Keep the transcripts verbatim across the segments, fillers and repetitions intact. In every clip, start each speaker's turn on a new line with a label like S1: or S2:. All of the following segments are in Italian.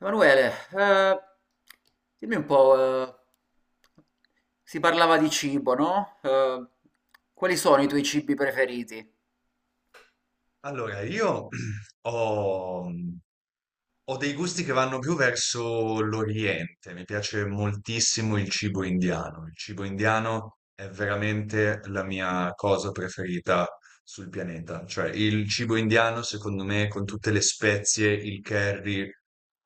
S1: Emanuele, eh, dimmi un po', eh, si parlava di cibo, no? Eh, quali sono i tuoi cibi preferiti?
S2: Allora, io ho, mhmm, ho dei gusti che vanno più verso l'Oriente, mi piace moltissimo il cibo indiano, il cibo indiano è veramente la mia cosa preferita sul pianeta, cioè il cibo indiano secondo me con tutte le spezie, il curry,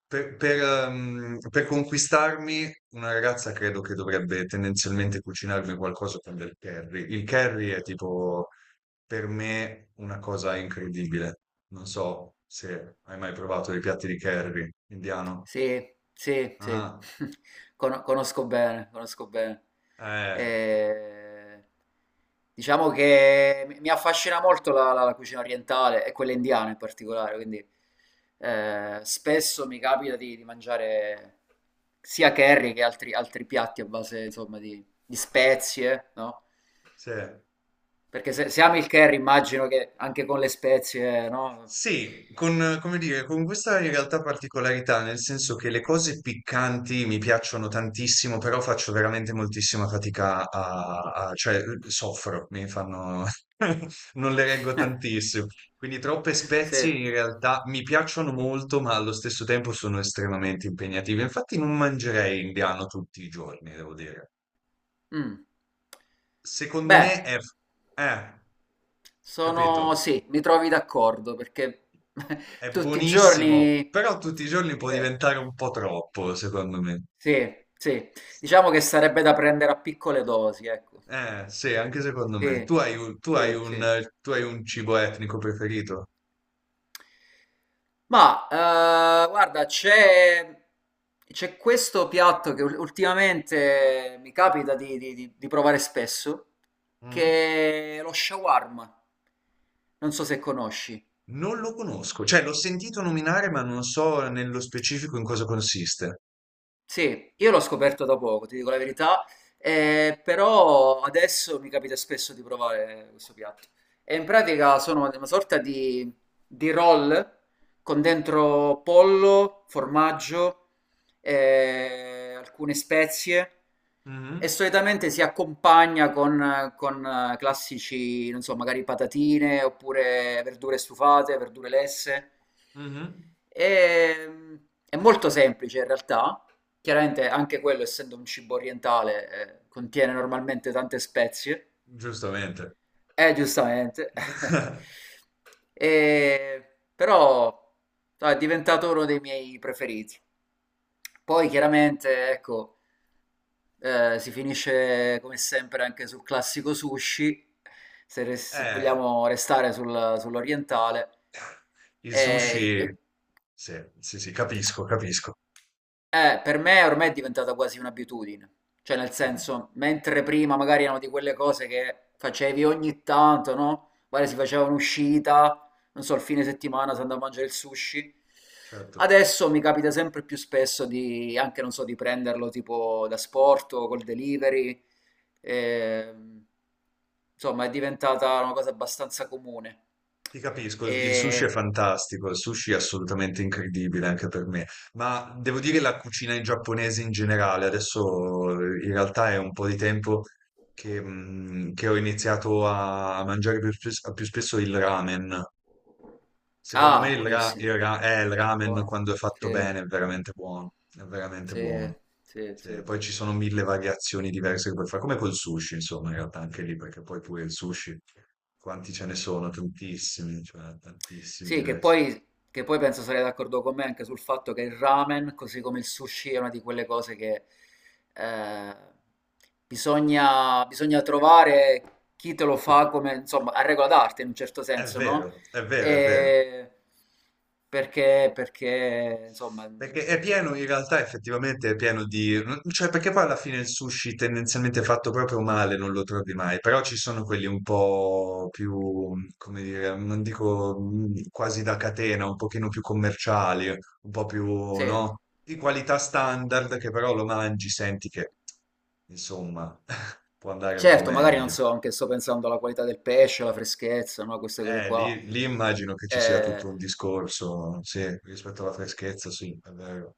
S2: per, per, ehm, per conquistarmi una ragazza credo che dovrebbe tendenzialmente cucinarmi qualcosa con del curry, il curry è tipo per me una cosa incredibile. Non so se hai mai provato i piatti di curry indiano.
S1: Sì, sì, sì.
S2: Ah,
S1: Cono- conosco bene, conosco bene.
S2: eh,
S1: Eh, diciamo che mi mi affascina molto la, la- la cucina orientale e quella indiana in particolare, quindi eh, spesso mi capita di, di mangiare sia curry che altri, altri piatti a base, insomma, di, di spezie, no?
S2: sì.
S1: Perché se, se ami il curry immagino che anche con le spezie, no?
S2: Sì, con, come dire, con questa in realtà particolarità, nel senso che le cose piccanti mi piacciono tantissimo, però faccio veramente moltissima fatica a, a- cioè soffro, mi fanno, non le reggo tantissimo. Quindi troppe spezie
S1: Sì.
S2: in realtà mi piacciono molto, ma allo stesso tempo sono estremamente impegnative. Infatti non mangerei indiano tutti i giorni, devo dire.
S1: Mm.
S2: Secondo
S1: Beh.
S2: me è... Eh,
S1: Sono,
S2: capito?
S1: sì, mi trovi d'accordo perché
S2: È
S1: tutti i
S2: buonissimo,
S1: giorni,
S2: però tutti i giorni può
S1: eh,
S2: diventare un po' troppo, secondo me.
S1: sì, sì, diciamo che sarebbe da prendere a piccole dosi, ecco.
S2: Eh, sì, anche secondo me. Tu
S1: Sì,
S2: hai un, tu hai
S1: sì, sì.
S2: un, tu hai un cibo etnico preferito?
S1: Ma eh, guarda, c'è c'è questo piatto che ul- ultimamente mi capita di, di- di- di provare spesso,
S2: Mm?
S1: che è lo shawarma. Non so se conosci.
S2: Non lo conosco, cioè l'ho sentito nominare, ma non so nello specifico in cosa consiste.
S1: Sì, io l'ho scoperto da poco, ti dico la verità, eh, però adesso mi capita spesso di provare questo piatto. E in pratica sono una sorta di, di roll con dentro pollo, formaggio, eh, alcune spezie e
S2: Mhm,
S1: solitamente si accompagna con, con, eh, classici, non so, magari patatine oppure verdure stufate, verdure lesse.
S2: mhm,
S1: E, mm, è molto semplice in realtà, chiaramente anche quello, essendo un cibo orientale, eh, contiene normalmente tante spezie.
S2: giustamente.
S1: Eh, giustamente. Eh, però no, è diventato uno dei miei preferiti. Poi chiaramente, ecco, eh, si finisce come sempre anche sul classico sushi, se, res- se
S2: Eh,
S1: vogliamo restare sul- sull'orientale.
S2: il
S1: E,
S2: sushi,
S1: eh,
S2: sì, sì, sì, capisco, capisco.
S1: Eh, per me ormai è diventata quasi un'abitudine, cioè nel
S2: Mm,
S1: senso, mentre prima magari erano di quelle cose che facevi ogni tanto, no? Magari si faceva un'uscita, non so, il fine settimana si andava a mangiare il sushi.
S2: certo.
S1: Adesso mi capita sempre più spesso di, anche non so, di prenderlo tipo da sport o col delivery. ehm, insomma, è diventata una cosa abbastanza comune.
S2: Ti capisco, il sushi è
S1: E...
S2: fantastico, il sushi è assolutamente incredibile anche per me, ma devo dire la cucina in giapponese in generale, adesso eh, in realtà è un po' di tempo che, mm, che ho iniziato a mangiare più spes- più spesso il ramen. Secondo me
S1: Ah,
S2: il, ra-
S1: buonissimo,
S2: il ra- eh, il ramen
S1: buono,
S2: quando è fatto
S1: sì.
S2: bene è veramente buono, è veramente
S1: Sì,
S2: buono.
S1: sì,
S2: Sì,
S1: sì.
S2: poi ci sono mille variazioni diverse che puoi fare, come col sushi, insomma, in realtà anche lì, perché poi pure il sushi, quanti ce ne sono? Tantissimi, cioè tantissimi
S1: Sì, che
S2: diversi.
S1: poi, che poi penso sarei d'accordo con me anche sul fatto che il ramen, così come il sushi, è una di quelle cose che eh, bisogna, bisogna trovare chi te lo fa come, insomma, a regola d'arte in un certo
S2: È
S1: senso, no?
S2: vero, è vero, è vero.
S1: E perché, perché, insomma,
S2: Perché è pieno, in realtà effettivamente è pieno di... non- cioè perché poi alla fine il sushi tendenzialmente fatto proprio male non lo trovi mai, però ci sono quelli un po' più, come dire, non dico mm, quasi da catena, un pochino più commerciali, un po' più,
S1: sì.
S2: no? Di qualità standard che però lo mangi, senti che, insomma, può andare un po'
S1: Certo, magari non
S2: meglio.
S1: so, anche sto pensando alla qualità del pesce, alla freschezza, no? Queste cose
S2: Eh,
S1: qua.
S2: lì, lì immagino che ci sia
S1: Eh,
S2: tutto un discorso, sì, rispetto alla freschezza, sì, è vero.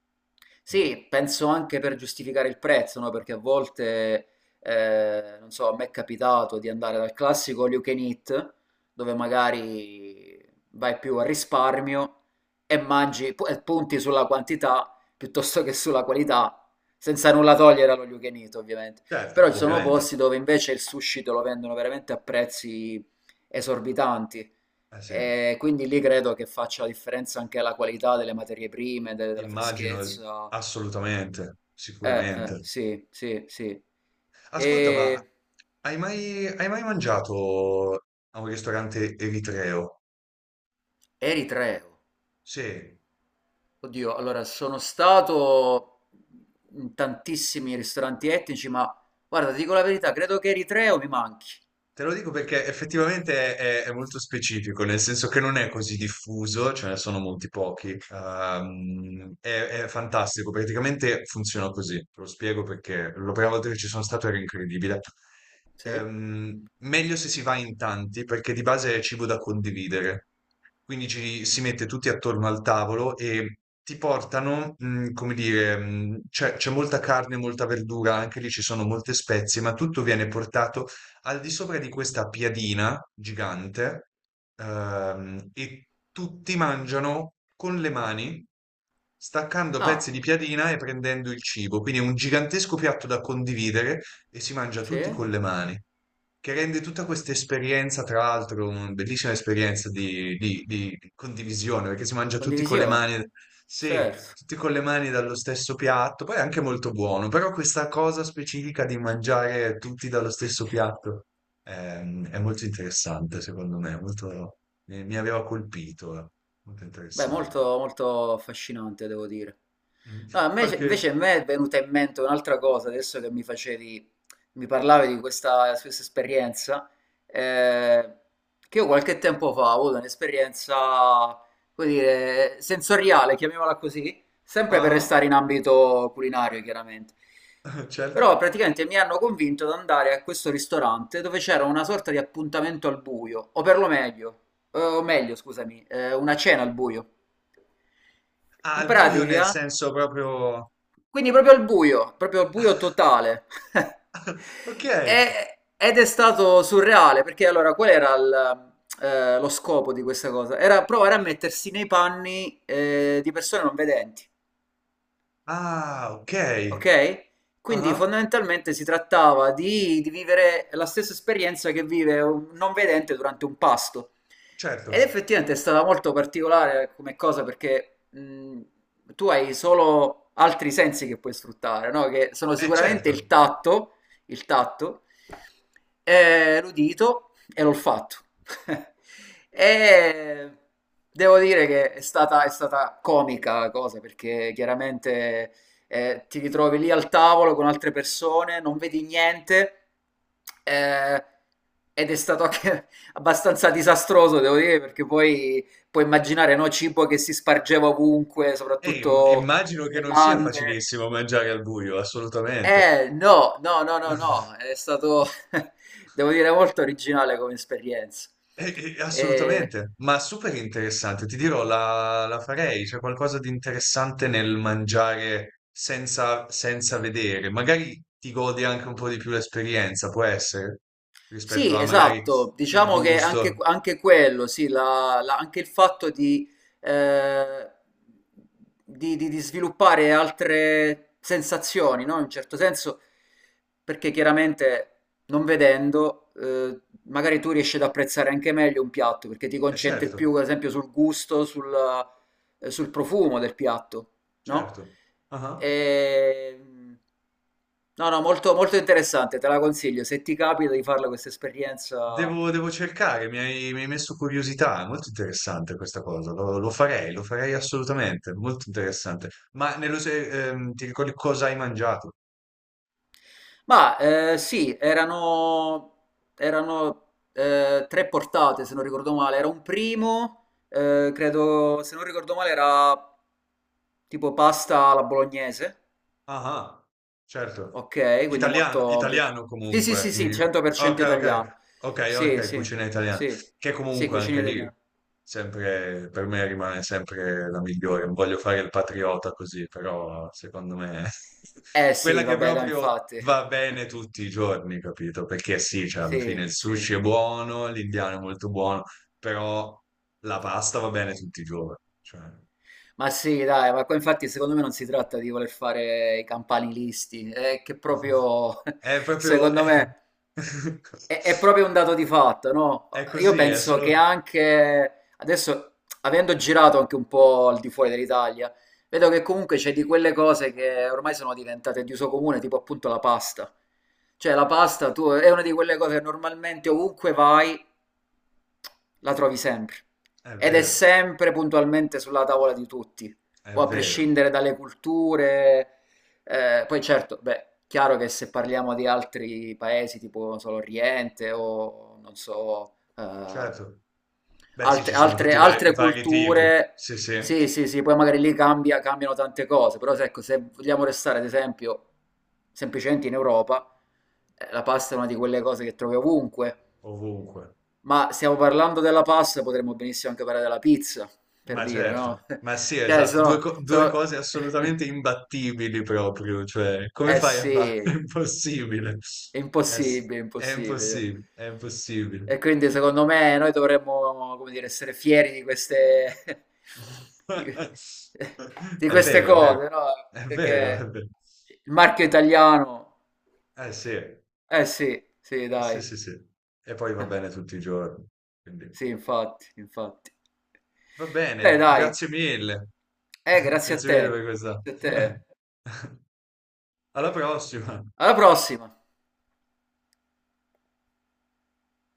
S2: Mm.
S1: Sì, penso anche per giustificare il prezzo, no? Perché a volte, eh, non so, a me è capitato di andare dal classico all you can eat, dove magari vai più a risparmio e mangi pu- e punti sulla quantità piuttosto che sulla qualità, senza nulla togliere allo you can eat, ovviamente.
S2: Certo,
S1: Però ci sono
S2: ovviamente.
S1: posti dove invece il sushi te lo vendono veramente a prezzi esorbitanti
S2: Eh sì.
S1: e quindi lì credo che faccia la differenza anche la qualità delle materie prime, de- della
S2: Immagino, ehm,
S1: freschezza.
S2: assolutamente,
S1: Eh, eh,
S2: sicuramente.
S1: sì, sì, sì.
S2: Ascolta, ma
S1: E
S2: hai mai, hai mai mangiato a un ristorante eritreo?
S1: Eritreo.
S2: Sì,
S1: Oddio, allora sono stato in tantissimi ristoranti etnici, ma guarda, ti dico la verità, credo che Eritreo mi manchi.
S2: te lo dico perché effettivamente è, è molto specifico, nel senso che non è così diffuso, ce ne sono molti pochi. Ehm, è, è fantastico, praticamente funziona così. Te lo spiego perché la prima volta che ci sono stato era incredibile.
S1: Sì?
S2: Ehm, meglio se si va in tanti perché di base è cibo da condividere. Quindi ci si mette tutti attorno al tavolo e ti portano, mhmm, come dire, mhmm, c'è c'è molta carne, molta verdura, anche lì ci sono molte spezie, ma tutto viene portato al di sopra di questa piadina gigante, ehm, e tutti mangiano con le mani, staccando pezzi di
S1: Ah,
S2: piadina e prendendo il cibo. Quindi è un gigantesco piatto da condividere e si mangia
S1: sì?
S2: tutti con le mani, che rende tutta questa esperienza, tra l'altro, una bellissima esperienza di, di- di di condivisione, perché si mangia tutti con le
S1: Condivisione.
S2: mani, sì,
S1: Certo.
S2: tutti con le mani dallo stesso piatto, poi è anche molto buono, però questa cosa specifica di mangiare tutti dallo stesso piatto ehm, è, molto interessante, secondo me, molto, mi, mi aveva colpito, eh, molto
S1: Beh, molto,
S2: interessante.
S1: molto affascinante, devo dire.
S2: Mm.
S1: No, a me,
S2: Qualche...
S1: invece a me è venuta in mente un'altra cosa, adesso che mi facevi, mi parlavi di questa, questa esperienza, eh, che io qualche tempo fa ho avuto un'esperienza, come dire, sensoriale, chiamiamola così, sempre per
S2: Ah,
S1: restare in ambito culinario, chiaramente. Però
S2: certo.
S1: praticamente mi hanno convinto ad andare a questo ristorante dove c'era una sorta di appuntamento al buio, o per lo meglio, eh, o meglio, scusami, eh, una cena al buio.
S2: Ah,
S1: In
S2: al buio nel
S1: pratica,
S2: senso proprio...
S1: quindi proprio al buio, proprio al buio totale.
S2: Ok.
S1: E- ed è stato surreale, perché allora qual era il, eh, lo scopo di questa cosa? Era provare a mettersi nei panni, eh, di persone non vedenti.
S2: Ah, okay.
S1: Ok? Quindi
S2: Ah-ah,
S1: fondamentalmente si trattava di, di vivere la stessa esperienza che vive un non vedente durante un pasto. Ed
S2: certo.
S1: effettivamente è stata molto particolare come cosa perché mh, tu hai solo altri sensi che puoi sfruttare, no? Che sono
S2: Eh,
S1: sicuramente il
S2: certo.
S1: tatto, il tatto, eh, l'udito e l'olfatto. E devo dire che è stata, è stata comica la cosa perché chiaramente eh, ti ritrovi lì al tavolo con altre persone, non vedi niente, eh, ed è stato anche abbastanza disastroso, devo dire, perché poi puoi immaginare, no, cibo che si spargeva ovunque,
S2: Eh, im
S1: soprattutto
S2: immagino che non sia
S1: bevande.
S2: facilissimo mangiare al buio, assolutamente.
S1: Eh, no, no, no, no, no, è stato, devo dire, molto originale come esperienza.
S2: Eh, eh,
S1: Eh,
S2: assolutamente, ma super interessante. Ti dirò, la la farei. C'è qualcosa di interessante nel mangiare senza senza vedere. Magari ti godi anche un po' di più l'esperienza, può essere? Rispetto
S1: Sì,
S2: a magari
S1: esatto,
S2: il
S1: diciamo che anche,
S2: gusto.
S1: anche quello, sì, la- la- anche il fatto di, eh, di- di- di sviluppare altre sensazioni, no? In un certo senso, perché chiaramente non vedendo, eh, magari tu riesci ad apprezzare anche meglio un piatto, perché ti
S2: Eh
S1: concentri più,
S2: certo,
S1: ad esempio, sul gusto, sul, eh, sul profumo del piatto, no?
S2: certo. Ah-ah.
S1: E, no, no, molto, molto interessante, te la consiglio. Se ti capita di farla questa esperienza.
S2: Devo, devo cercare, mi hai, mi hai messo curiosità, è molto interessante questa cosa, lo, lo farei, lo farei assolutamente, molto interessante. Ma nello, se- ehm, ti ricordi cosa hai mangiato?
S1: Ma eh, sì, erano, erano eh, tre portate, se non ricordo male. Era un primo, eh, credo, se non ricordo male, era tipo pasta alla bolognese.
S2: Ah, ah, certo.
S1: Ok, quindi
S2: Italiano,
S1: molto... pia-
S2: italiano
S1: Sì, sì,
S2: comunque.
S1: sì, sì,
S2: Eh, ok,
S1: cento per cento
S2: ok,
S1: italiano.
S2: ok,
S1: Sì,
S2: ok,
S1: sì,
S2: cucina italiana.
S1: sì,
S2: Che
S1: sì,
S2: comunque anche
S1: cucina
S2: lì,
S1: italiana.
S2: sempre, per me rimane sempre la migliore. Non voglio fare il patriota così, però secondo me
S1: Eh
S2: quella
S1: sì,
S2: che
S1: vabbè, dai,
S2: proprio
S1: infatti.
S2: va bene tutti i giorni, capito? Perché sì, cioè, alla fine
S1: Sì,
S2: il sushi
S1: sì.
S2: è buono, l'indiano è molto buono, però la pasta va bene tutti i giorni. Cioè,
S1: Ma sì, dai, ma qua infatti secondo me non si tratta di voler fare i campanilisti, è che proprio,
S2: è proprio...
S1: secondo
S2: è-
S1: me, è, è proprio un dato di fatto, no?
S2: è
S1: Io
S2: così, è
S1: penso che
S2: solo...
S1: anche adesso, avendo girato anche un po' al di fuori dell'Italia, vedo che comunque c'è di quelle cose che ormai sono diventate di uso comune, tipo appunto la pasta. Cioè la pasta tu, è una di quelle cose che normalmente ovunque vai la trovi sempre
S2: È
S1: ed è
S2: vero,
S1: sempre puntualmente sulla tavola di tutti,
S2: è
S1: poi a
S2: vero,
S1: prescindere dalle culture. eh, poi certo, beh, chiaro che se parliamo di altri paesi tipo, non so, l'Oriente o non so, eh,
S2: certo. Beh sì,
S1: altre
S2: ci sono
S1: altre
S2: tutti i vari,
S1: altre
S2: vari tipi,
S1: culture
S2: sì sì,
S1: sì, sì, sì, poi magari lì cambia cambiano tante cose, però se ecco, se vogliamo restare ad esempio semplicemente in Europa, eh, la pasta è una di quelle cose che trovi ovunque.
S2: ovunque.
S1: Ma stiamo parlando della pasta, potremmo benissimo anche parlare della pizza, per
S2: Ma
S1: dire, no?
S2: certo, ma sì,
S1: Cioè
S2: esatto, due,
S1: sono
S2: co- due
S1: sono
S2: cose assolutamente imbattibili proprio, cioè come
S1: eh
S2: fai a
S1: sì.
S2: fare? È impossibile,
S1: È
S2: è, s-
S1: impossibile,
S2: è
S1: impossibile.
S2: impossibile, è impossibile.
S1: E quindi secondo me noi dovremmo, come dire, essere fieri di queste, di, di
S2: È
S1: queste
S2: vero, è vero,
S1: cose, no?
S2: è vero, è
S1: Perché
S2: vero.
S1: il marchio italiano...
S2: Eh sì, eh
S1: Eh sì, sì,
S2: sì
S1: dai.
S2: sì sì, e poi va bene tutti i giorni, quindi...
S1: Sì, infatti, infatti.
S2: Va
S1: Beh,
S2: bene,
S1: dai.
S2: grazie mille.
S1: Eh, grazie a
S2: Grazie mille per
S1: te.
S2: questa.
S1: Grazie a te.
S2: Alla prossima.
S1: Alla prossima.